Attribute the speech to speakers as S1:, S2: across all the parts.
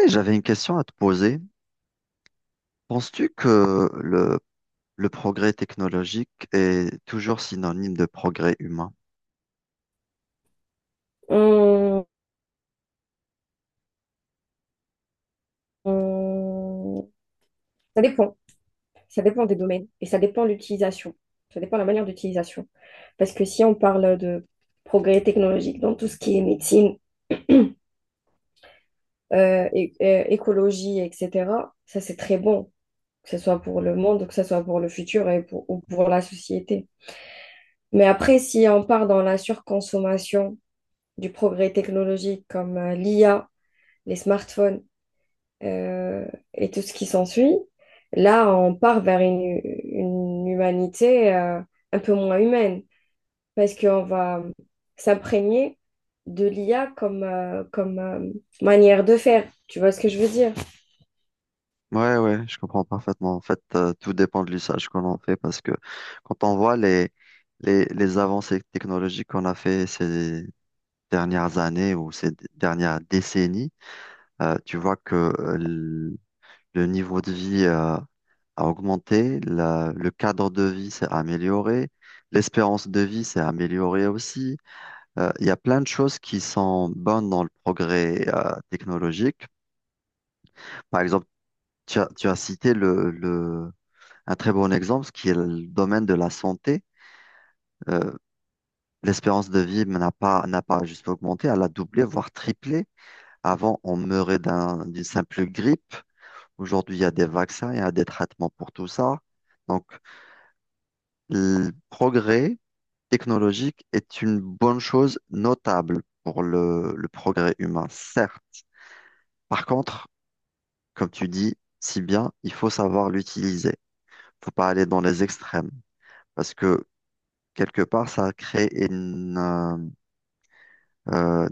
S1: Et j'avais une question à te poser. Penses-tu que le progrès technologique est toujours synonyme de progrès humain?
S2: On- on- Ça dépend. Ça dépend des domaines et ça dépend de l'utilisation. Ça dépend de la manière d'utilisation. Parce que si on parle de progrès technologique dans tout ce qui est médecine, écologie, etc., ça c'est très bon, que ce soit pour le monde, que ce soit pour le futur et pour, ou pour la société. Mais après, si on part dans la surconsommation du progrès technologique comme l'IA, les smartphones, euh, et tout ce qui s'ensuit. Là, on part vers une humanité un peu moins humaine parce qu'on va s'imprégner de l'IA comme manière de faire. Tu vois ce que je veux dire?
S1: Ouais, ouais, je comprends parfaitement. En fait, tout dépend de l'usage qu'on en fait parce que quand on voit les avancées technologiques qu'on a fait ces dernières années ou ces dernières décennies, tu vois que le niveau de vie, a augmenté, le cadre de vie s'est amélioré, l'espérance de vie s'est améliorée aussi. Il y a plein de choses qui sont bonnes dans le progrès technologique. Par exemple, tu as cité un très bon exemple, ce qui est le domaine de la santé. Euh, l'espérance de vie n'a pas juste augmenté, elle a doublé, voire triplé. Avant, on meurait d'une simple grippe. Aujourd'hui, il y a des vaccins, il y a des traitements pour tout ça. Donc, le progrès technologique est une bonne chose notable pour le progrès humain, certes. Par contre, comme tu dis si bien, il faut savoir l'utiliser. Faut pas aller dans les extrêmes parce que quelque part, ça crée euh,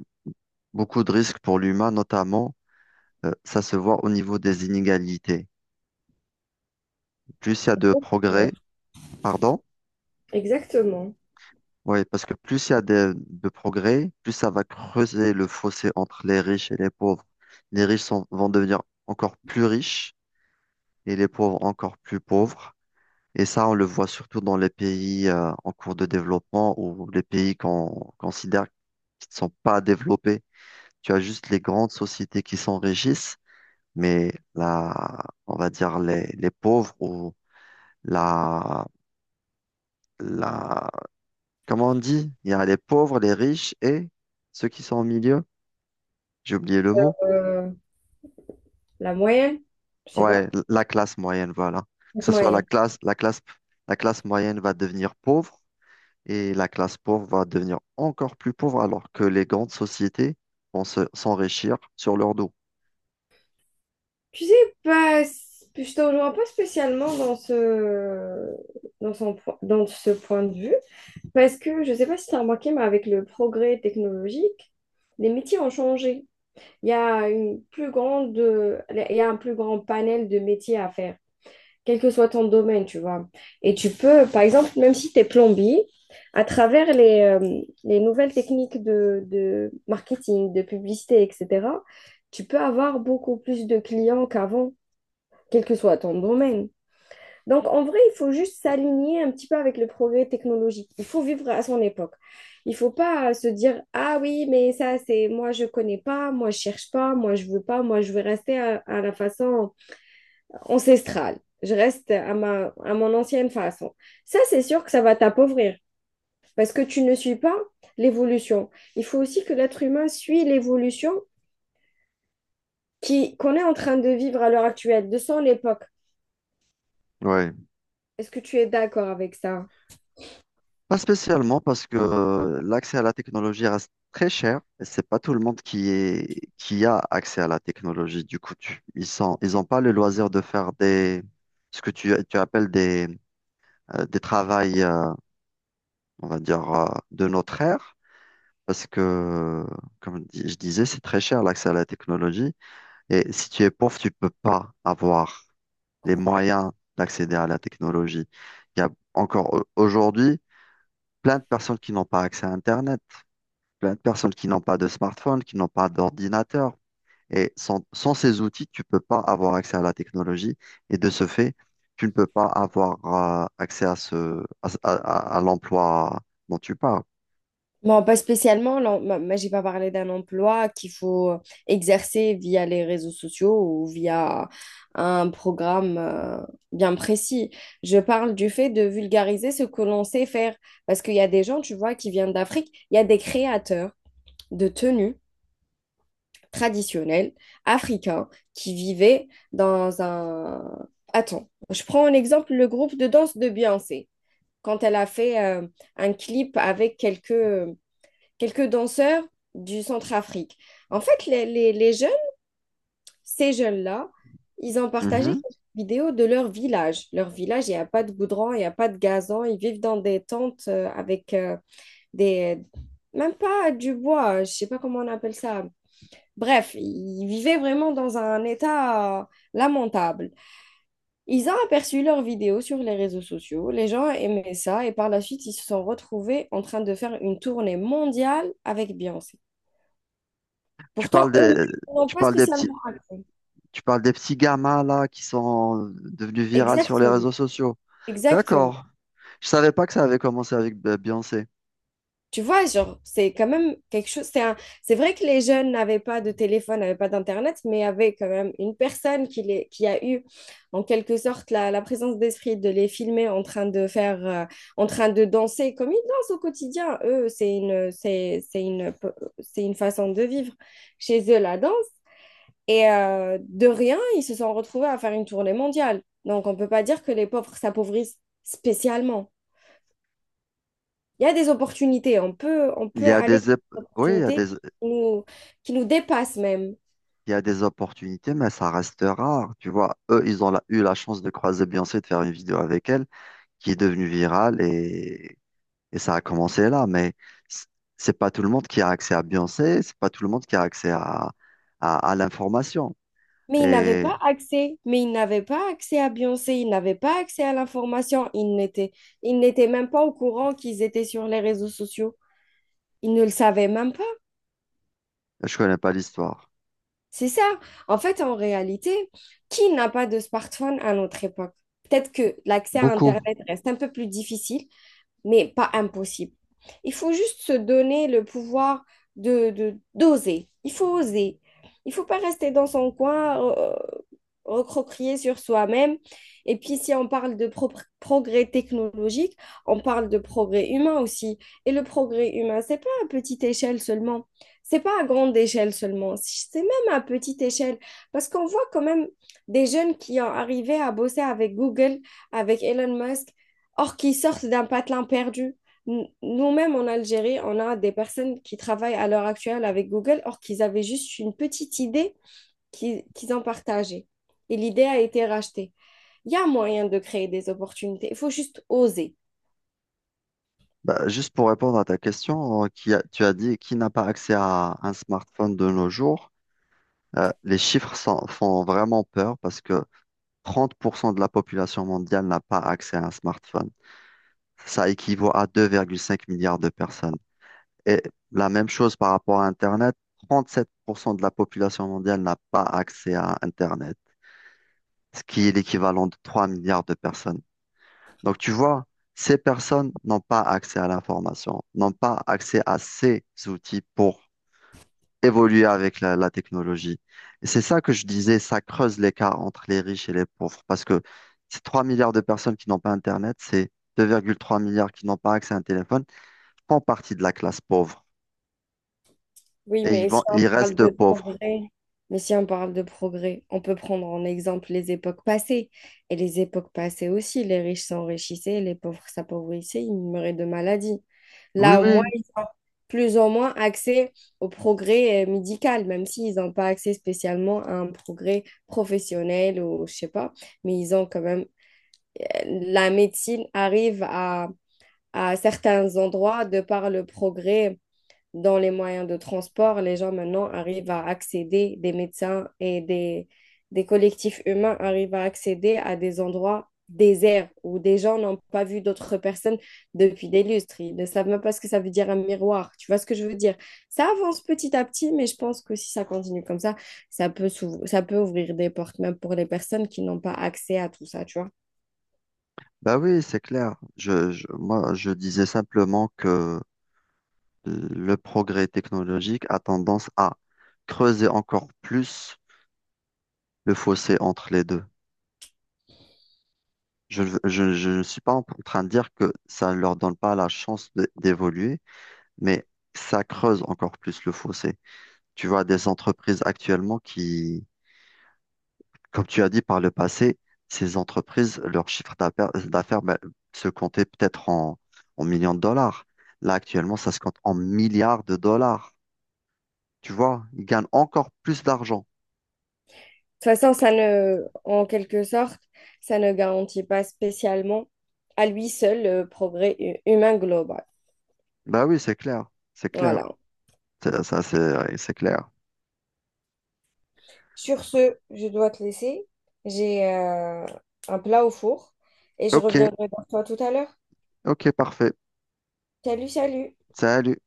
S1: beaucoup de risques pour l'humain, notamment, ça se voit au niveau des inégalités. Plus il y a de progrès,
S2: Exactement.
S1: pardon,
S2: Exactement.
S1: oui, parce que plus il y a de progrès, plus ça va creuser le fossé entre les riches et les pauvres. Les riches vont devenir encore plus riches et les pauvres encore plus pauvres. Et ça, on le voit surtout dans les pays en cours de développement ou les pays qu'on considère qui ne sont pas développés. Tu as juste les grandes sociétés qui s'enrichissent, mais la, on va dire les pauvres ou la, la, comment on dit? Il y a les pauvres, les riches et ceux qui sont au milieu. J'ai oublié le mot.
S2: Euh, la moyenne, je sais
S1: Ouais,
S2: pas,
S1: la classe moyenne, voilà. Que
S2: cette
S1: ce soit
S2: moyenne.
S1: la classe moyenne va devenir pauvre et la classe pauvre va devenir encore plus pauvre alors que les grandes sociétés s'enrichir sur leur dos.
S2: Tu sais, pas, je te rejoins pas spécialement dans ce, dans ce point de vue. Parce que je ne sais pas si tu as remarqué, mais avec le progrès technologique, les métiers ont changé. Il y a une plus il y a un plus grand panel de métiers à faire, quel que soit ton domaine, tu vois. Et tu peux, par exemple, même si tu es plombier, à travers les nouvelles techniques de marketing, de publicité, etc., tu peux avoir beaucoup plus de clients qu'avant, quel que soit ton domaine. Donc, en vrai, il faut juste s'aligner un petit peu avec le progrès technologique. Il faut vivre à son époque. Il ne faut pas se dire, ah oui, mais ça, c'est moi, je ne connais pas, moi, je ne cherche pas, moi, je ne veux pas, moi, je veux rester à la façon ancestrale. Je reste à mon ancienne façon. Ça, c'est sûr que ça va t'appauvrir parce que tu ne suis pas l'évolution. Il faut aussi que l'être humain suit l'évolution qu'on est en train de vivre à l'heure actuelle, de son époque.
S1: Ouais.
S2: Est-ce que tu es d'accord avec ça?
S1: Pas spécialement parce que l'accès à la technologie reste très cher et c'est pas tout le monde qui a accès à la technologie. Du coup, ils ont pas le loisir de faire ce que tu appelles des travails, on va dire, de notre ère. Parce que, comme je disais, c'est très cher l'accès à la technologie. Et si tu es pauvre, tu peux pas avoir les moyens d'accéder à la technologie. Il y a encore aujourd'hui plein de personnes qui n'ont pas accès à Internet, plein de personnes qui n'ont pas de smartphone, qui n'ont pas d'ordinateur. Et sans ces outils, tu ne peux pas avoir accès à la technologie. Et de ce fait, tu ne peux pas avoir accès à à l'emploi dont tu parles.
S2: Non, pas spécialement. Non, moi, j'ai pas parlé d'un emploi qu'il faut exercer via les réseaux sociaux ou via un programme bien précis. Je parle du fait de vulgariser ce que l'on sait faire. Parce qu'il y a des gens, tu vois, qui viennent d'Afrique. Il y a des créateurs de tenues traditionnelles africains qui vivaient dans un… Attends, je prends en exemple le groupe de danse de Beyoncé. Quand elle a fait un clip avec quelques danseurs du Centrafrique. En fait, les jeunes, ces jeunes-là, ils ont partagé
S1: Mhm.
S2: quelques vidéos de leur village. Leur village, il n'y a pas de goudron, il n'y a pas de gazon. Ils vivent dans des tentes avec des… Même pas du bois, je ne sais pas comment on appelle ça. Bref, ils vivaient vraiment dans un état lamentable. Ils ont aperçu leurs vidéos sur les réseaux sociaux, les gens aimaient ça et par la suite, ils se sont retrouvés en train de faire une tournée mondiale avec Beyoncé.
S1: Tu
S2: Pourtant,
S1: parles
S2: eux-mêmes
S1: des,
S2: n'ont
S1: tu
S2: pas
S1: parles des petits,
S2: spécialement raté.
S1: tu parles des petits gamins là qui sont devenus virales sur les
S2: Exactement,
S1: réseaux sociaux.
S2: exactement.
S1: D'accord. Je savais pas que ça avait commencé avec Beyoncé.
S2: Tu vois, genre, c'est quand même quelque chose. C'est vrai que les jeunes n'avaient pas de téléphone, n'avaient pas d'Internet, mais avaient quand même une personne qui a eu, en quelque sorte, la présence d'esprit de les filmer en train de en train de danser comme ils dansent au quotidien. Eux, c'est une façon de vivre. Chez eux, la danse. Et de rien, ils se sont retrouvés à faire une tournée mondiale. Donc, on ne peut pas dire que les pauvres s'appauvrissent spécialement. Il y a des opportunités. On
S1: Il
S2: peut
S1: y a
S2: aller
S1: des, ép-
S2: vers des
S1: oui,
S2: opportunités qui nous dépassent même.
S1: il y a des opportunités, mais ça reste rare. Tu vois, eux, eu la chance de croiser Beyoncé, de faire une vidéo avec elle, qui est devenue virale et ça a commencé là. Mais c- c'est pas tout le monde qui a accès à Beyoncé, c'est pas tout le monde qui a accès à l'information.
S2: Mais ils n'avaient
S1: Et
S2: pas accès. Mais ils n'avaient pas accès à Beyoncé. Ils n'avaient pas accès à l'information. Ils n'étaient même pas au courant qu'ils étaient sur les réseaux sociaux. Ils ne le savaient même.
S1: je connais pas l'histoire.
S2: C'est ça. En fait, en réalité, qui n'a pas de smartphone à notre époque? Peut-être que l'accès à
S1: Beaucoup.
S2: Internet reste un peu plus difficile, mais pas impossible. Il faut juste se donner le pouvoir d'oser. Il faut oser. Il ne faut pas rester dans son coin, recroquer sur soi-même. Et puis, si on parle de progrès technologique, on parle de progrès humain aussi. Et le progrès humain, c'est pas à petite échelle seulement. C'est pas à grande échelle seulement. Si, c'est même à petite échelle. Parce qu'on voit quand même des jeunes qui ont arrivé à bosser avec Google, avec Elon Musk, or qui sortent d'un patelin perdu. Nous-mêmes en Algérie, on a des personnes qui travaillent à l'heure actuelle avec Google, or qu'ils avaient juste une petite idée qu'ils ont partagée. Et l'idée a été rachetée. Il y a moyen de créer des opportunités, il faut juste oser.
S1: Bah, juste pour répondre à ta question, tu as dit qui n'a pas accès à un smartphone de nos jours. Les chiffres font vraiment peur parce que 30% de la population mondiale n'a pas accès à un smartphone. Ça équivaut à 2,5 milliards de personnes. Et la même chose par rapport à Internet, 37% de la population mondiale n'a pas accès à Internet, ce qui est l'équivalent de 3 milliards de personnes. Donc tu vois, ces personnes n'ont pas accès à l'information, n'ont pas accès à ces outils pour évoluer avec la technologie. Et c'est ça que je disais, ça creuse l'écart entre les riches et les pauvres, parce que ces 3 milliards de personnes qui n'ont pas Internet, c'est 2,3 milliards qui n'ont pas accès à un téléphone, font partie de la classe pauvre
S2: Oui,
S1: et ils restent pauvres.
S2: mais si on parle de progrès, on peut prendre en exemple les époques passées. Et les époques passées aussi, les riches s'enrichissaient, les pauvres s'appauvrissaient, ils meuraient de maladies.
S1: Oui,
S2: Là, au moins,
S1: oui,
S2: ils ont plus ou moins accès au progrès médical, même s'ils n'ont pas accès spécialement à un progrès professionnel ou je sais pas, mais ils ont quand même… La médecine arrive à certains endroits de par le progrès dans les moyens de transport, les gens maintenant arrivent à accéder, des médecins des collectifs humains arrivent à accéder à des endroits déserts où des gens n'ont pas vu d'autres personnes depuis des lustres. Ils ne savent même pas ce que ça veut dire un miroir. Tu vois ce que je veux dire? Ça avance petit à petit, mais je pense que si ça continue comme ça, ça peut ouvrir des portes même pour les personnes qui n'ont pas accès à tout ça, tu vois?
S1: bah oui, c'est clair. Moi, je disais simplement que le progrès technologique a tendance à creuser encore plus le fossé entre les deux. Je ne suis pas en train de dire que ça ne leur donne pas la chance d'évoluer, mais ça creuse encore plus le fossé. Tu vois, des entreprises actuellement qui, comme tu as dit par le passé, ces entreprises, leur chiffre d'affaires d'affaires, ben, se comptait peut-être en millions de dollars. Là, actuellement, ça se compte en milliards de dollars. Tu vois, ils gagnent encore plus d'argent.
S2: De toute façon, ça ne, en quelque sorte, ça ne garantit pas spécialement à lui seul le progrès humain global.
S1: Bah oui, c'est clair, c'est clair.
S2: Voilà.
S1: C'est clair.
S2: Sur ce, je dois te laisser. J'ai un plat au four et je
S1: Ok,
S2: reviendrai vers toi tout à l'heure.
S1: ok, parfait.
S2: Salut, salut!
S1: Salut.